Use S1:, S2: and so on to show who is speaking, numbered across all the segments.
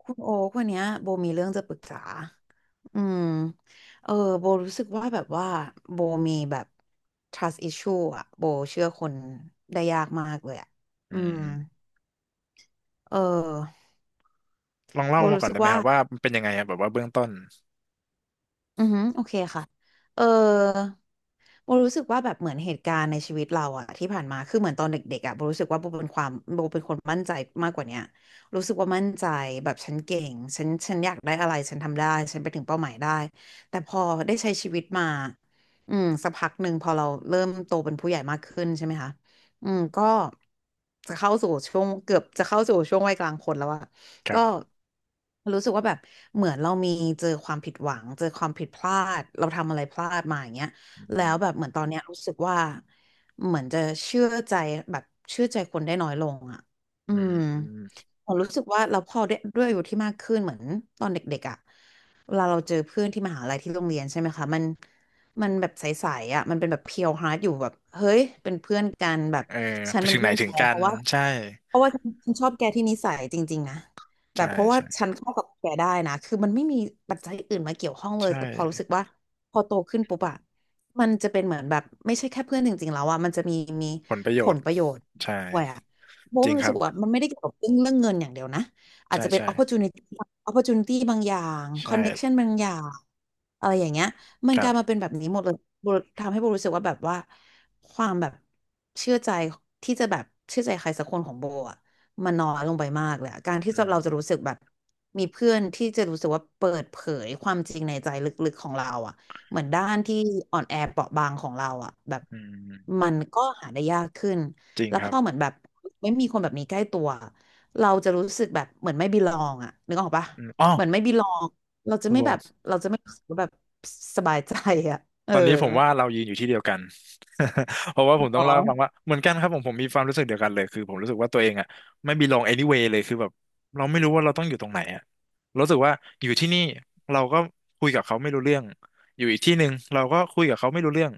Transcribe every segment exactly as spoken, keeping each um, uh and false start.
S1: คุณโอ๊ควันเนี้ยโบมีเรื่องจะปรึกษา อืม เออ โบรู้สึกว่าแบบว่าโบมีแบบ trust issue อะโบเชื่อคนได้ยากมากเลยอะ
S2: อื
S1: อืม
S2: ม
S1: เออ
S2: ลอง
S1: โบ
S2: เล่ามา
S1: รู้
S2: ก่อน
S1: สึก
S2: ได้ไหม
S1: ว่า
S2: ครับว่ามันเป็นยังไงอะแบบว่าเบื้องต้น
S1: อือฮึโอเคค่ะเออโบรู้สึกว่าแบบเหมือนเหตุการณ์ในชีวิตเราอะที่ผ่านมา คือเหมือนตอนเด็กๆอะโบรู้สึกว่าโบเป็นความโบเป็นคนมั่นใจมากกว่าเนี้ยรู้สึกว่ามั่นใจแบบฉันเก่ง ฉันฉันอยากได้อะไรฉันทำได้ ฉันไปถึงเป้าหมายได้ แต่พอได้ใช้ชีวิตมาอืมสักพักหนึ่งพอเราเริ่มโตเป็นผู้ใหญ่มากขึ้นใช่ไหมคะอืมก็จะเข้าสู่ช่วงเกือบจะเข้าสู่ช่วงวัยกลางคนแล้วอะ
S2: ค
S1: ก็
S2: รับ
S1: รู้สึกว่าแบบเหมือนเรามีเจอความผิดหวังเจอความผิดพลาดเราทำอะไรพลาดมาอย่างเงี้ย
S2: อื
S1: แล้ว
S2: ม
S1: แบบเหมือนตอนเนี้ยรู้สึกว่าเหมือนจะเชื่อใจแบบเชื่อใจคนได้น้อยลงอ่ะอื
S2: อืม
S1: ม
S2: อืม
S1: ผมรู้สึกว่าเราพอด้วยด้วยอายุที่มากขึ้นเหมือนตอนเด็กๆอ่ะเวลาเราเจอเพื่อนที่มหาลัยที่โรงเรียนใช่ไหมคะมันมันแบบใสๆอ่ะมันเป็นแบบเพียวฮาร์ดอยู่แบบเฮ้ยเป็นเพื่อนกันแบบ
S2: เออ
S1: ฉั
S2: ไป
S1: นเป็น
S2: ถึงไหน
S1: เพื่อน
S2: ถึ
S1: แก
S2: งกั
S1: เพ
S2: น
S1: ราะว่า
S2: ใช่
S1: เพราะว่าฉันชอบแกที่นิสัยจริงๆนะ แบ
S2: ใช่
S1: บเพราะว่า
S2: ใช่
S1: ฉันเข้ากับแกได้นะคือมันไม่มีปัจจัยอื่นมาเกี่ยวข้องเลย
S2: ใช่
S1: แต่พอรู้สึกว่าพอโตขึ้นปุ๊บอะมันจะเป็นเหมือนแบบไม่ใช่แค่เพื่อนจริงๆแล้วอะมันจะมีมี
S2: ผลประโย
S1: ผ
S2: ช
S1: ล
S2: น์
S1: ประโยชน์
S2: ใช่
S1: ด้วยอะโบะ
S2: จริ
S1: มั
S2: ง
S1: น
S2: ค
S1: รู้
S2: รั
S1: สึ
S2: บ
S1: กว่ามันไม่ได้เกี่ยวกับเรื่องเรื่องเงินอย่างเดียวนะ อาจ
S2: ใช่
S1: จะเป็น
S2: ใช่
S1: opportunity opportunity บางอย่าง
S2: ใช่
S1: connection บางอย่างอะไรอย่างเงี้ย มัน
S2: ค
S1: ก
S2: รั
S1: ลายมา
S2: บ
S1: เป็นแบบนี้หมดเลยโบทำให้โบรู้สึกว่าแบบว่าความแบบเชื่อใจที่จะแบบเชื่อใจใครสักคนของโบอะ มันน้อยลงไปมากเลยอะการที่
S2: อื
S1: จะเราจะ
S2: ม
S1: รู้สึกแบบมีเพื่อนที่จะรู้สึกว่าเปิดเผยความจริงในใจลึกๆของเราอ่ะเหมือนด้านที่อ่อนแอเปราะบางของเราอ่ะแบบ
S2: อืม
S1: มันก็หาได้ยากขึ้น
S2: จริง
S1: แล้ว
S2: ค
S1: พ
S2: รับ
S1: อเหมือนแบบไม่มีคนแบบนี้ใกล้ตัวเราจะรู้สึกแบบเหมือนไม่บิลองอ่ะนึกออกปะ
S2: อืมอ๋อ
S1: เหมือนไม่บิลองเราจะ
S2: คุณ
S1: ไม่
S2: โบ
S1: แบบเราจะไม่รู้สึกว่าแบบสบายใจอ่ะเอ
S2: ต
S1: อ
S2: อนนี้ผมว่าเรายืนอยู่ที่เดียวกัน เพราะว่าผมต้อ
S1: อ๋
S2: ง
S1: อ
S2: เล่าให้ฟังว่าเหมือนกันครับผมผมมีความรู้สึกเดียวกันเลยคือผมรู้สึกว่าตัวเองอ่ะไม่ belong anyway เลยคือแบบเราไม่รู้ว่าเราต้องอยู่ตรงไหนอ่ะรู้สึกว่าอยู่ที่นี่เราก็คุยกับเขาไม่รู้เรื่องอยู่อีกที่หนึ่งเราก็คุยกับเขาไม่รู้เรื่อง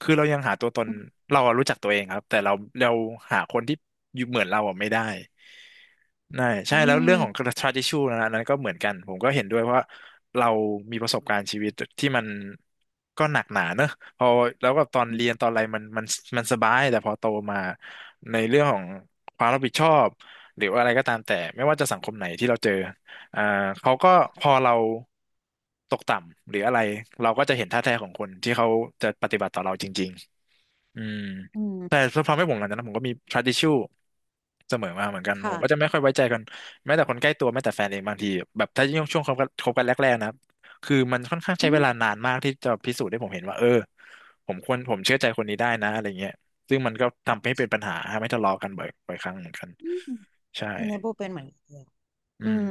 S2: คือเรายังหาตัวตนเราอะรู้จักตัวเองครับแต่เราเราหาคนที่อยู่เหมือนเราอะไม่ได้นั่นใช่
S1: อื
S2: แล้ว
S1: ม
S2: เรื่องของ tradition นะอันนั้นก็เหมือนกันผมก็เห็นด้วยเพราะว่าเรามีประสบการณ์ชีวิตที่มันก็หนักหนาเนอะพอแล้วก็ตอนเรียนตอนอะไรมันมันมันสบายแต่พอโตมาในเรื่องของความรับผิดชอบหรือว่าอะไรก็ตามแต่ไม่ว่าจะสังคมไหนที่เราเจอ อ่าเขาก็พอเราตกต่ำหรืออะไรเราก็จะเห็นท่าแท้ของคนที่เขาจะปฏิบัติต่อเราจริงๆอืม
S1: อื
S2: แต่
S1: ม
S2: ทำให้ผมหลังจากนั้นผมก็มี trust issue เสมอมาเหมือนกันผมก็จะ
S1: ค่ะ
S2: ไม่ค่อยไว้ใจกันแม้แต่คนใกล้ตัวแม้แต่แฟนเองบางทีแบบถ้ายิ่งช่วงคบกันคบกันแรกๆนะคือมันค่อนข้างใช้
S1: อื
S2: เว
S1: ม
S2: ลานานมากที่จะพิสูจน์ให้ผมเห็นว่าเออผมควรผมเชื่อใจคนนี้ได้นะอะไรเงี้ยซึ่งมันก็ทำให้เป็นปัญหาทำให้ทะเลาะกันบ่อยบ่อยครั้งเหมือนกัน
S1: อืม
S2: ใช่
S1: อันนี้โบเป็นเหมือนกันเลย
S2: อื
S1: อื
S2: ม
S1: ม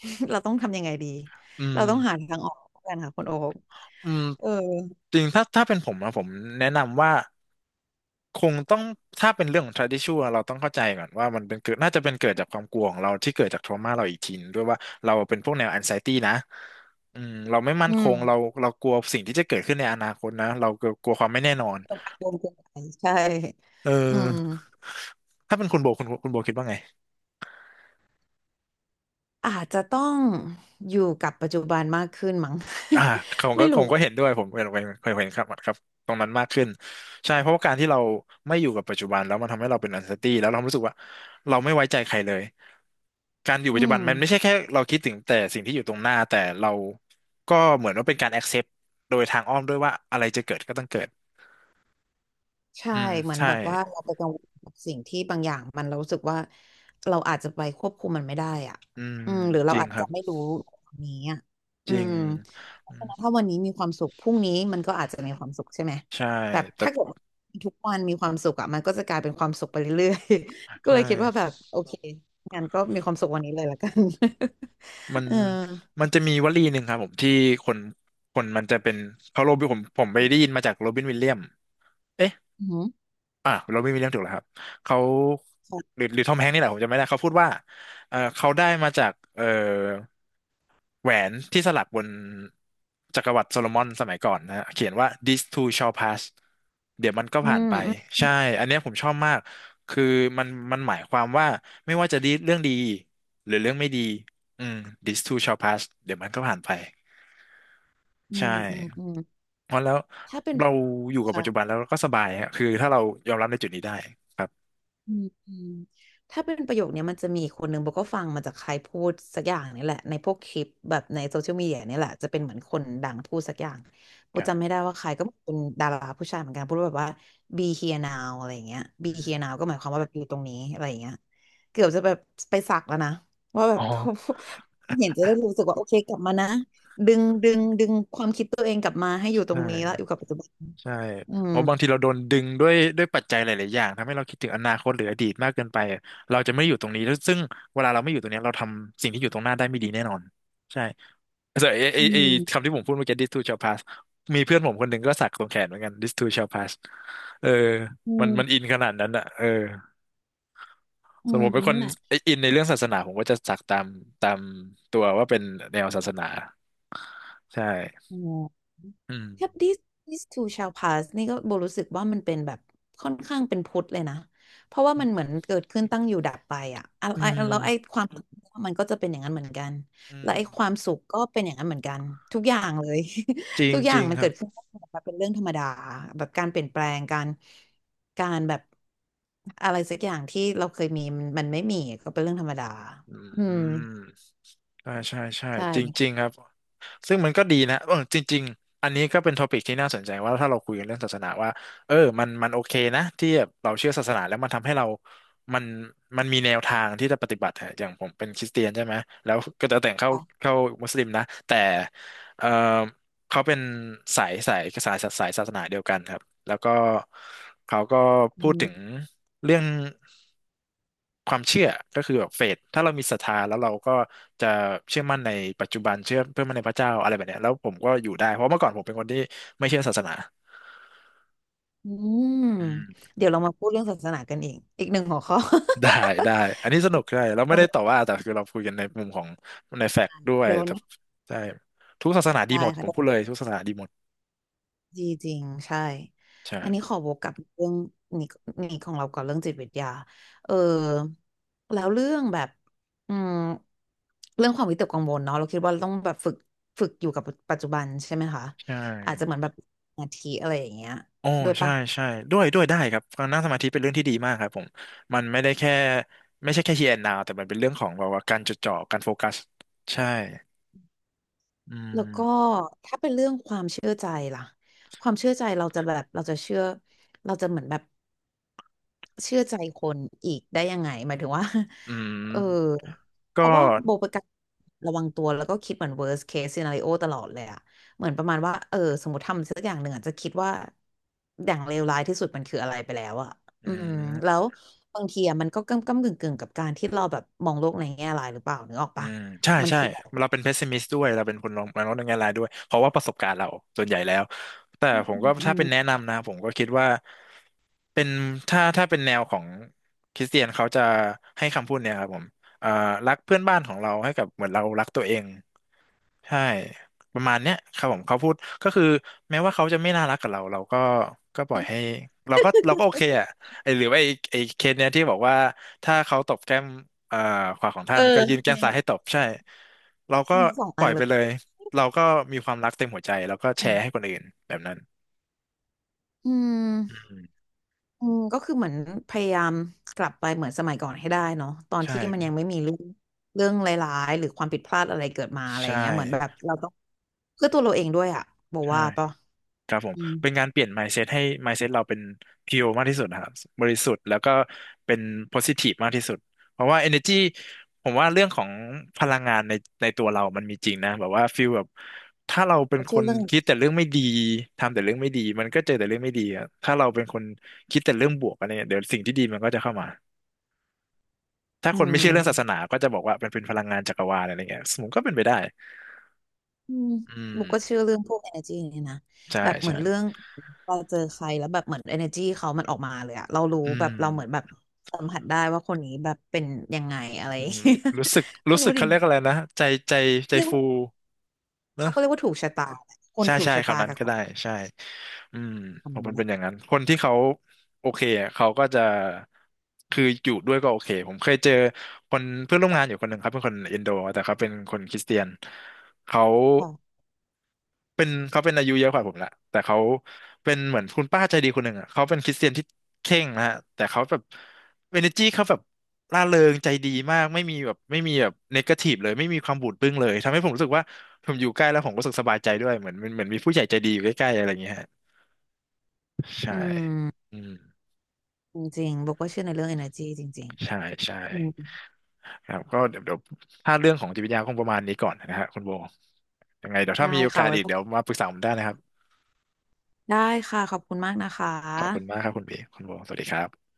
S1: เราต้องทำยังไงดี
S2: อืม
S1: เราต้องหาทางออกกันค่ะคุณโอ๊ค
S2: อืม
S1: เออ
S2: จริงถ้าถ้าเป็นผมนะผมแนะนำว่าคงต้องถ้าเป็นเรื่องของ tradition เราต้องเข้าใจก่อนว่ามันเป็นเกิดน่าจะเป็นเกิดจากความกลัวของเราที่เกิดจาก trauma เราอีกทีนึงด้วยว่าเราเป็นพวกแนว anxiety นะอืมเราไม่มั่น
S1: อื
S2: ค
S1: ม
S2: งเราเรากลัวสิ่งที่จะเกิดขึ้นในอนาคตนะเรากลัวความไม่แน่นอน
S1: กังวลเกินไปใช่
S2: เอ
S1: อืม
S2: อถ้าเป็นคุณโบคุณคุณโบคิดว่าไง
S1: อาจจะต้องอยู่กับปัจจุบันมากขึ้นมั้ง
S2: อ่าผม ก็
S1: ไม่
S2: ผ
S1: รู้
S2: มก็เห็นด้วยผมเห็นเห็นเห็นครับครับตรงนั้นมากขึ้นใช่เพราะว่าการที่เราไม่อยู่กับปัจจุบันแล้วมันทำให้เราเป็น anxiety แล้วเรารู้สึกว่าเราไม่ไว้ใจใครเลยการอยู่
S1: อื
S2: ปัจจุ
S1: ม
S2: บันมันไม่ใช่แค่เราคิดถึงแต่สิ่งที่อยู่ตรงหน้าแต่เราก็เหมือนว่าเป็นการ accept โดยทางอ้อมด้วยว่าอะไรจะเกิดก็ต้องเกิด
S1: ใช่
S2: อืม
S1: เหมือน
S2: ใช่
S1: แบบว่าเราไปกังวลกับสิ่งที่บางอย่างมันเรารู้สึกว่าเราอาจจะไปควบคุมมันไม่ได้อ่ะ
S2: อืม
S1: อืมหรือ
S2: จ
S1: เรา
S2: ริง
S1: อาจ
S2: ครั
S1: จะ
S2: บ
S1: ไม่รู้ตรงนี้อ่ะ
S2: จ
S1: อื
S2: ริง
S1: มเพ
S2: อื
S1: ราะฉะ
S2: ม
S1: นั้นถ้าวันนี้มีความสุขพรุ่งนี้มันก็อาจจะมีความสุขใช่ไหม
S2: ใช่
S1: แบบ
S2: แต่
S1: ถ้าเกิดทุกวันมีความสุขอ่ะมันก็จะกลายเป็นความสุขไปเรื่อยๆ ก็เล
S2: ใช่
S1: ยคิดว่าแบบโอเคงั้นก็มีความสุขวันนี้เลยละกัน
S2: มัน
S1: เออ
S2: มันจะมีวลีหนึ่งครับผมที่คนคนมันจะเป็นเขาโรบินผมผมไปได้ยินมาจากโรบินวิลเลียม
S1: อืม
S2: อ่ะเราไม่มีเรื่องถูกแล้วครับเขาหรือหรือทอมแฮงค์นี่แหละผมจำไม่ได้เขาพูดว่าเออเขาได้มาจากเออแหวนที่สลักบนจักรวรรดิโซโลมอนสมัยก่อนนะฮะเขียนว่า this too shall pass เดี๋ยวมันก็
S1: อื
S2: ผ่านไป
S1: ม
S2: ใช่ อันเนี้ยผมชอบมากคือมันมันหมายความว่าไม่ว่าจะดีเรื่องดีหรือเรื่องไม่ดีอืม this too shall pass เดี๋ยวมันก็ผ่านไป
S1: อื
S2: ใช่
S1: มอืมอืม
S2: เพราะแล้ว
S1: ถ้าเป็น
S2: เราอยู่กับปั
S1: ค่ะ
S2: จจุบันแล้วเราก็สบายฮะคือถ้าเรายอมรับในจุดนี้ได้ครับ
S1: อืมอืมถ้าเป็นประโยคเนี้ยมันจะมีอีกคนหนึ่งโบก็ฟังมาจากใครพูดสักอย่างนี่แหละในพวกคลิปแบบในโซเชียลมีเดียนี่แหละจะเป็นเหมือนคนดังพูดสักอย่างโบ
S2: ครั
S1: จำไม่
S2: บ
S1: ได้ว่าใครก็เป็นดาราผู้ชายเหมือนกันพูดว่าแบบว่า be here now อะไรอย่างเงี้ย be here now
S2: อ
S1: ก็หมายความว่าแบบอยู่ตรงนี้อะไรอย่างเงี้ยเกือบจะแบบไปสักแล้วนะว่าแบ
S2: ๋
S1: บ
S2: อ
S1: เห็นจะได้รู้สึกว่าโอเคกลับมานะดึงดึงดึงความคิดตัวเองกลับมาให้อ
S2: ใช
S1: ยู่ตรงนี้แล้วอ
S2: ่
S1: ยู่กับปัจจุบัน
S2: ใช่
S1: อืม
S2: เพราะบางทีเราโดนดึงด้วยด้วยปัจจัยหลายๆอย่างทำให้เราคิดถึงอนาคตหรืออดีตมากเกินไป เราจะไม่อยู่ตรงนี้แล้วซึ่งเวลาเราไม่อยู่ตรงเนี้ยเราทำสิ่งที่อยู่ตรงหน้าได้ไม่ดีแน่นอน ใช่แต่ไอไอ
S1: อื
S2: ไอคำ
S1: ม
S2: ที่ผมพูดเมื่อกี้ this too shall pass มีเพื่อนผมคนหนึ่งก็สักตรงแขนเหมือนกัน this too shall pass เออ
S1: อื
S2: มันมันอิ
S1: ม
S2: นขนาดนั้นอ่ะเออ
S1: อื
S2: สม
S1: ม
S2: มติเป็นค
S1: นั่
S2: น
S1: นแหละ
S2: อินในเรื่องศาสนาผมก็จะสักตามตามตัวว่าเป็นแนวศาสนาใช่
S1: อ๋อ
S2: อืม
S1: Yep, this this too shall pass นี่ก็โบรู้สึกว่ามันเป็นแบบค่อนข้างเป็นพุทธเลยนะเพราะว่ามันเหมือนเกิดขึ้นตั้งอยู่ดับไปอ่ะอ่ะ
S2: อื
S1: ไอ้
S2: ม
S1: แล้วไอ้ความมันก็จะเป็นอย่างนั้นเหมือนกัน
S2: อื
S1: และ
S2: ม
S1: ไอ้ความสุขก็เป็นอย่างนั้นเหมือนกันทุกอย่างเลย
S2: จริ
S1: ทุ
S2: ง
S1: กอ
S2: จ
S1: ย่าง
S2: ริง
S1: มัน
S2: ค
S1: เกิ
S2: รับ
S1: ดขึ้นตังอยู่ดับไปเป็นเรื่องธรรมดาแบบการเปลี่ยนแปลงการการแบบอะไรสักอย่างที่เราเคยมีมันมันไม่มีก็เป็นเรื่องธรรมดา
S2: อื
S1: อืม
S2: มใช่ใช่ใช่
S1: ใช่
S2: จริง
S1: นี่
S2: จริงครับ ซึ่งมันก็ดีนะเออจริงๆอันนี้ก็เป็นทอปิกที่น่าสนใจว่าถ้าเราคุยกันเรื่องศาสนาว่าเออมันมันโอเคนะที่แบบเราเชื่อศาสนาแล้วมันทำให้เรามันมันมีแนวทางที่จะปฏิบัติอะอย่างผมเป็นคริสเตียนใช่ไหม แล้วก็จะแต่งเข้า
S1: ก็
S2: เข้ามุสลิมนะ แต่เออเขาเป็นสายสายสายสายศาสนาเดียวกันครับ แล้วก็เขาก็พูดถึงเรื่อง ความเชื่อก็คือแบบเฟธถ้าเรามีศรัทธาแล้วเราก็จะเชื่อมั่นในปัจจุบันเชื่อเพื่อมั่นในพระเจ้าอะไรแบบเนี้ยแล้วผมก็อยู่ได้เพราะเมื่อก่อนผมเป็นคนที่ไม่เชื่อศาสนา
S1: อืม
S2: อืม
S1: เดี๋ยวเรามาพูดเรื่องศาสนากันอีกอีกหนึ่งหัวข้อ
S2: ได้ได้ อันนี้สนุกใช่เราไม่ได้ต่อ
S1: เออ
S2: ว่าแต่คือเราคุยกันในมุมของในแฟกต์ด้วย
S1: เดี๋ยววัน
S2: แต่
S1: นี้
S2: ใช่ ทุกศาสนาดี
S1: ได้
S2: หมด
S1: ค่ะ
S2: ผมพูด
S1: ได้
S2: เลยทุกศาสนาดีหมด
S1: ดีจริงใช่อันนี้
S2: ใช่
S1: ขอวกกลับเรื่องนี้นี้ของเราก่อนเรื่องจิตวิทยาเออแล้วเรื่องแบบอืมเรื่องความวิตกกังวลเนาะเราคิดว่าเราต้องแบบฝึกฝึกอยู่กับปัจจุบันใช่ไหมคะ
S2: ใช
S1: อาจจะ
S2: ่
S1: เหมือนแบบสาทิอะไรอย่างเงี้ย
S2: โอ้
S1: ด้วย
S2: ใช่
S1: ปะ
S2: ใช่ ด้วยด้วยได้ครับการนั่งสมาธิเป็นเรื่องที่ดีมากครับผมมันไม่ได้แค่ไม่ใช่แค่ here and now แต่มันเป็นเรื่องของแบบว่าการจดจ่อการโฟกัสใช่อื
S1: แล้วก็
S2: ม
S1: ถ้าเป็นเรื่องความเชื่อใจล่ะความเชื่อใจเราจะแบบเราจะเชื่อเราจะเหมือนแบบ เชื่อใจคนอีกได้ยังไงหมายถึงว่า
S2: อื
S1: เอ
S2: ม
S1: อเพ
S2: ก็
S1: ราะว่าโบเป็นการระวังตัวแล้วก็คิดเหมือน เวิร์ส เคส ซีนาริโอ ตลอดเลยอะเหมือนประมาณว่าเออสมมติทำสักอย่างหนึ่งอะจะคิดว่าอย่างเลวร้ายที่สุดมันคืออะไรไปแล้วอะ
S2: อื
S1: อืมแล้
S2: ม
S1: วบางทีอะมันก็ก้ำก้ำกึ่งกึ่งกับการที่เราแบบมองโลกในแง่ร้ายหรือเปล่านึกออก
S2: อื
S1: ปะ
S2: มใช่
S1: มัน
S2: ใช่
S1: คือแบบ
S2: เราเป็นเพสซิมิสด้วยเราเป็นคนมองมองในแง่ร้ายด้วยเพราะว่าประสบการณ์เราส่วนใหญ่แล้วแต่
S1: อ
S2: ผมก็
S1: ื
S2: ถ้าเป็นแนะ
S1: ม
S2: นำนะผมก็คิดว่าเป็นถ้าถ้าเป็นแนวของคริสเตียนเขาจะให้คำพูดเนี่ยครับผมเอ่อรักเพื่อนบ้านของเราให้กับเหมือนเรารักตัวเอง ใช่ประมาณเนี้ยครับผมเขาพูดก็คือแม้ว่าเขาจะไม่น่ารักกับเราเราก็ก็ปล่อยให้เราก็เราก็โอเคอ่ะไอหรือว่าไอไอเคสเนี้ยที่บอกว่าถ้าเขาตบแก้มเอ่อขวาของท่า
S1: เอ
S2: น
S1: อ
S2: ก็ยื่น
S1: อั
S2: แก้
S1: น
S2: ม
S1: นี้
S2: ซ้ายให้ตบใช่เราก็
S1: มีสอง
S2: ป
S1: อั
S2: ล่อ
S1: น
S2: ยไปเลยเราก็มีความรักเต็มหัวใจแล้วก็แชร์ให้คนอื่นแบบนั้น
S1: อื
S2: อื
S1: ม
S2: ม
S1: อืมก็คือเหมือนพยายามกลับไปเหมือนสมัยก่อนให้ได้เนาะตอนที่มันยั
S2: ใช่
S1: งไม่มีเรื่องเรื่องร้ายๆหรือความผิดพลาดอะไรเกิดมาอะไรอ
S2: ใช่
S1: ย่างเงี้ยเหมือนแบบเราต้องเพื่อตัวเราเองด้วยอะบอก
S2: ใช่
S1: ว่าปะ
S2: ครับผม
S1: อืม
S2: เป็นการเปลี่ยน mindset ให้ mindset เราเป็น pure มากที่สุดนะครับบริสุทธิ์แล้วก็เป็น positive มากที่สุดเพราะว่า energy ผมว่าเรื่องของพลังงานในในตัวเรามันมีจริงนะแบบว่าฟีลแบบถ้าเราเป็น
S1: ก็
S2: ค
S1: เชื่อ
S2: น
S1: เรื่อง
S2: คิดแต่เรื่องไม่ดีทำแต่เรื่องไม่ดีมันก็เจอแต่เรื่องไม่ดีอะถ้าเราเป็นคนคิดแต่เรื่องบวกอะไรเนี่ยเดี๋ยวสิ่งที่ดีมันก็จะเข้ามาถ้า
S1: อื
S2: คนไม่
S1: ม
S2: เชื่อเรื่องศาสนาก็จะบอกว่าเป็นเป็นพลังงานจักรวาลอะไรเงี้ยสมมติก็เป็นไปได้
S1: อืม
S2: อืม
S1: บุกก็เชื่อเรื่องพวก energy นี่นะ
S2: ใช่
S1: แบบเหมื
S2: ใช่
S1: อนเรื่องเราเจอใครแล้วแบบเหมือน energy เขามันออกมาเลยอะเรารู้
S2: อื
S1: แบบ
S2: ม
S1: เราเหมือนแบบสัมผัสได้ว่าคนนี้แบบเป็นยังไงอะไร
S2: อื มรู้สึก
S1: ไม่
S2: รู้สึ
S1: รู้
S2: ก
S1: ดิ
S2: เขาเรี
S1: มั
S2: ย
S1: น
S2: กอะไรนะใจใจใจ
S1: เรียก
S2: ฟู
S1: ว่าเขาก็เรียก
S2: นะ
S1: ว่าถูกชะตาคน
S2: ใช่
S1: ถูก
S2: ใช่
S1: ชะตา
S2: คำนั้น
S1: กับ
S2: ก็
S1: ค
S2: ได้
S1: น
S2: ใช่อืม
S1: ท
S2: ผมมันเป็นอย่า
S1: ำ
S2: งนั้นคนที่เขาโอเคอะเขาก็จะคืออยู่ด้วยก็โอเคผมเคยเจอคนเพื่อนร่วมงานอยู่คนหนึ่งครับเป็นคนอินโดแต่เขาเป็นคนคริสเตียนเขา
S1: ค่ะ
S2: เป็นเขาเป็นอายุเยอะกว่าผมละแต่เขาเป็นเหมือนคุณป้าใจดีคนหนึ่งอ่ะเขาเป็นคริสเตียนที่เคร่งนะฮะแต่เขาแบบเอเนอร์จีเขาแบบร่าเริงใจดีมากไม่มีแบบไม่มีแบบเนกาทีฟเลยไม่มีความบูดบึ้งเลยทำให้ผมรู้สึกว่าผมอยู่ใกล้แล้วผมรู้สึกสบายใจด้วยเหมือนเหมือนเหมือนมีผู้ใหญ่ใจดีอยู่ใกล้ๆอะไรอย่างเงี้ยฮะใช่
S1: อืม
S2: อืม
S1: จริงๆโบก็เชื่อในเรื่อง energy จริง
S2: ใช่ใช่
S1: ๆอืม
S2: ครับก็เดี๋ยวเดี๋ยวถ้าเรื่องของจิตวิทยาคงประมาณนี้ก่อนนะฮะคุณโบยังไงเดี๋ยวถ้า
S1: ได้
S2: มีโอ
S1: ค่ะ
S2: กาส
S1: ไว้
S2: อีก
S1: พบ
S2: เดี๋ยวมาปรึกษาผมได้นะครับ
S1: ได้ค่ะขอบคุณมากนะค
S2: ขอบคุณ
S1: ะ
S2: มากครับคุณบีคุณโบสวัสดีครับ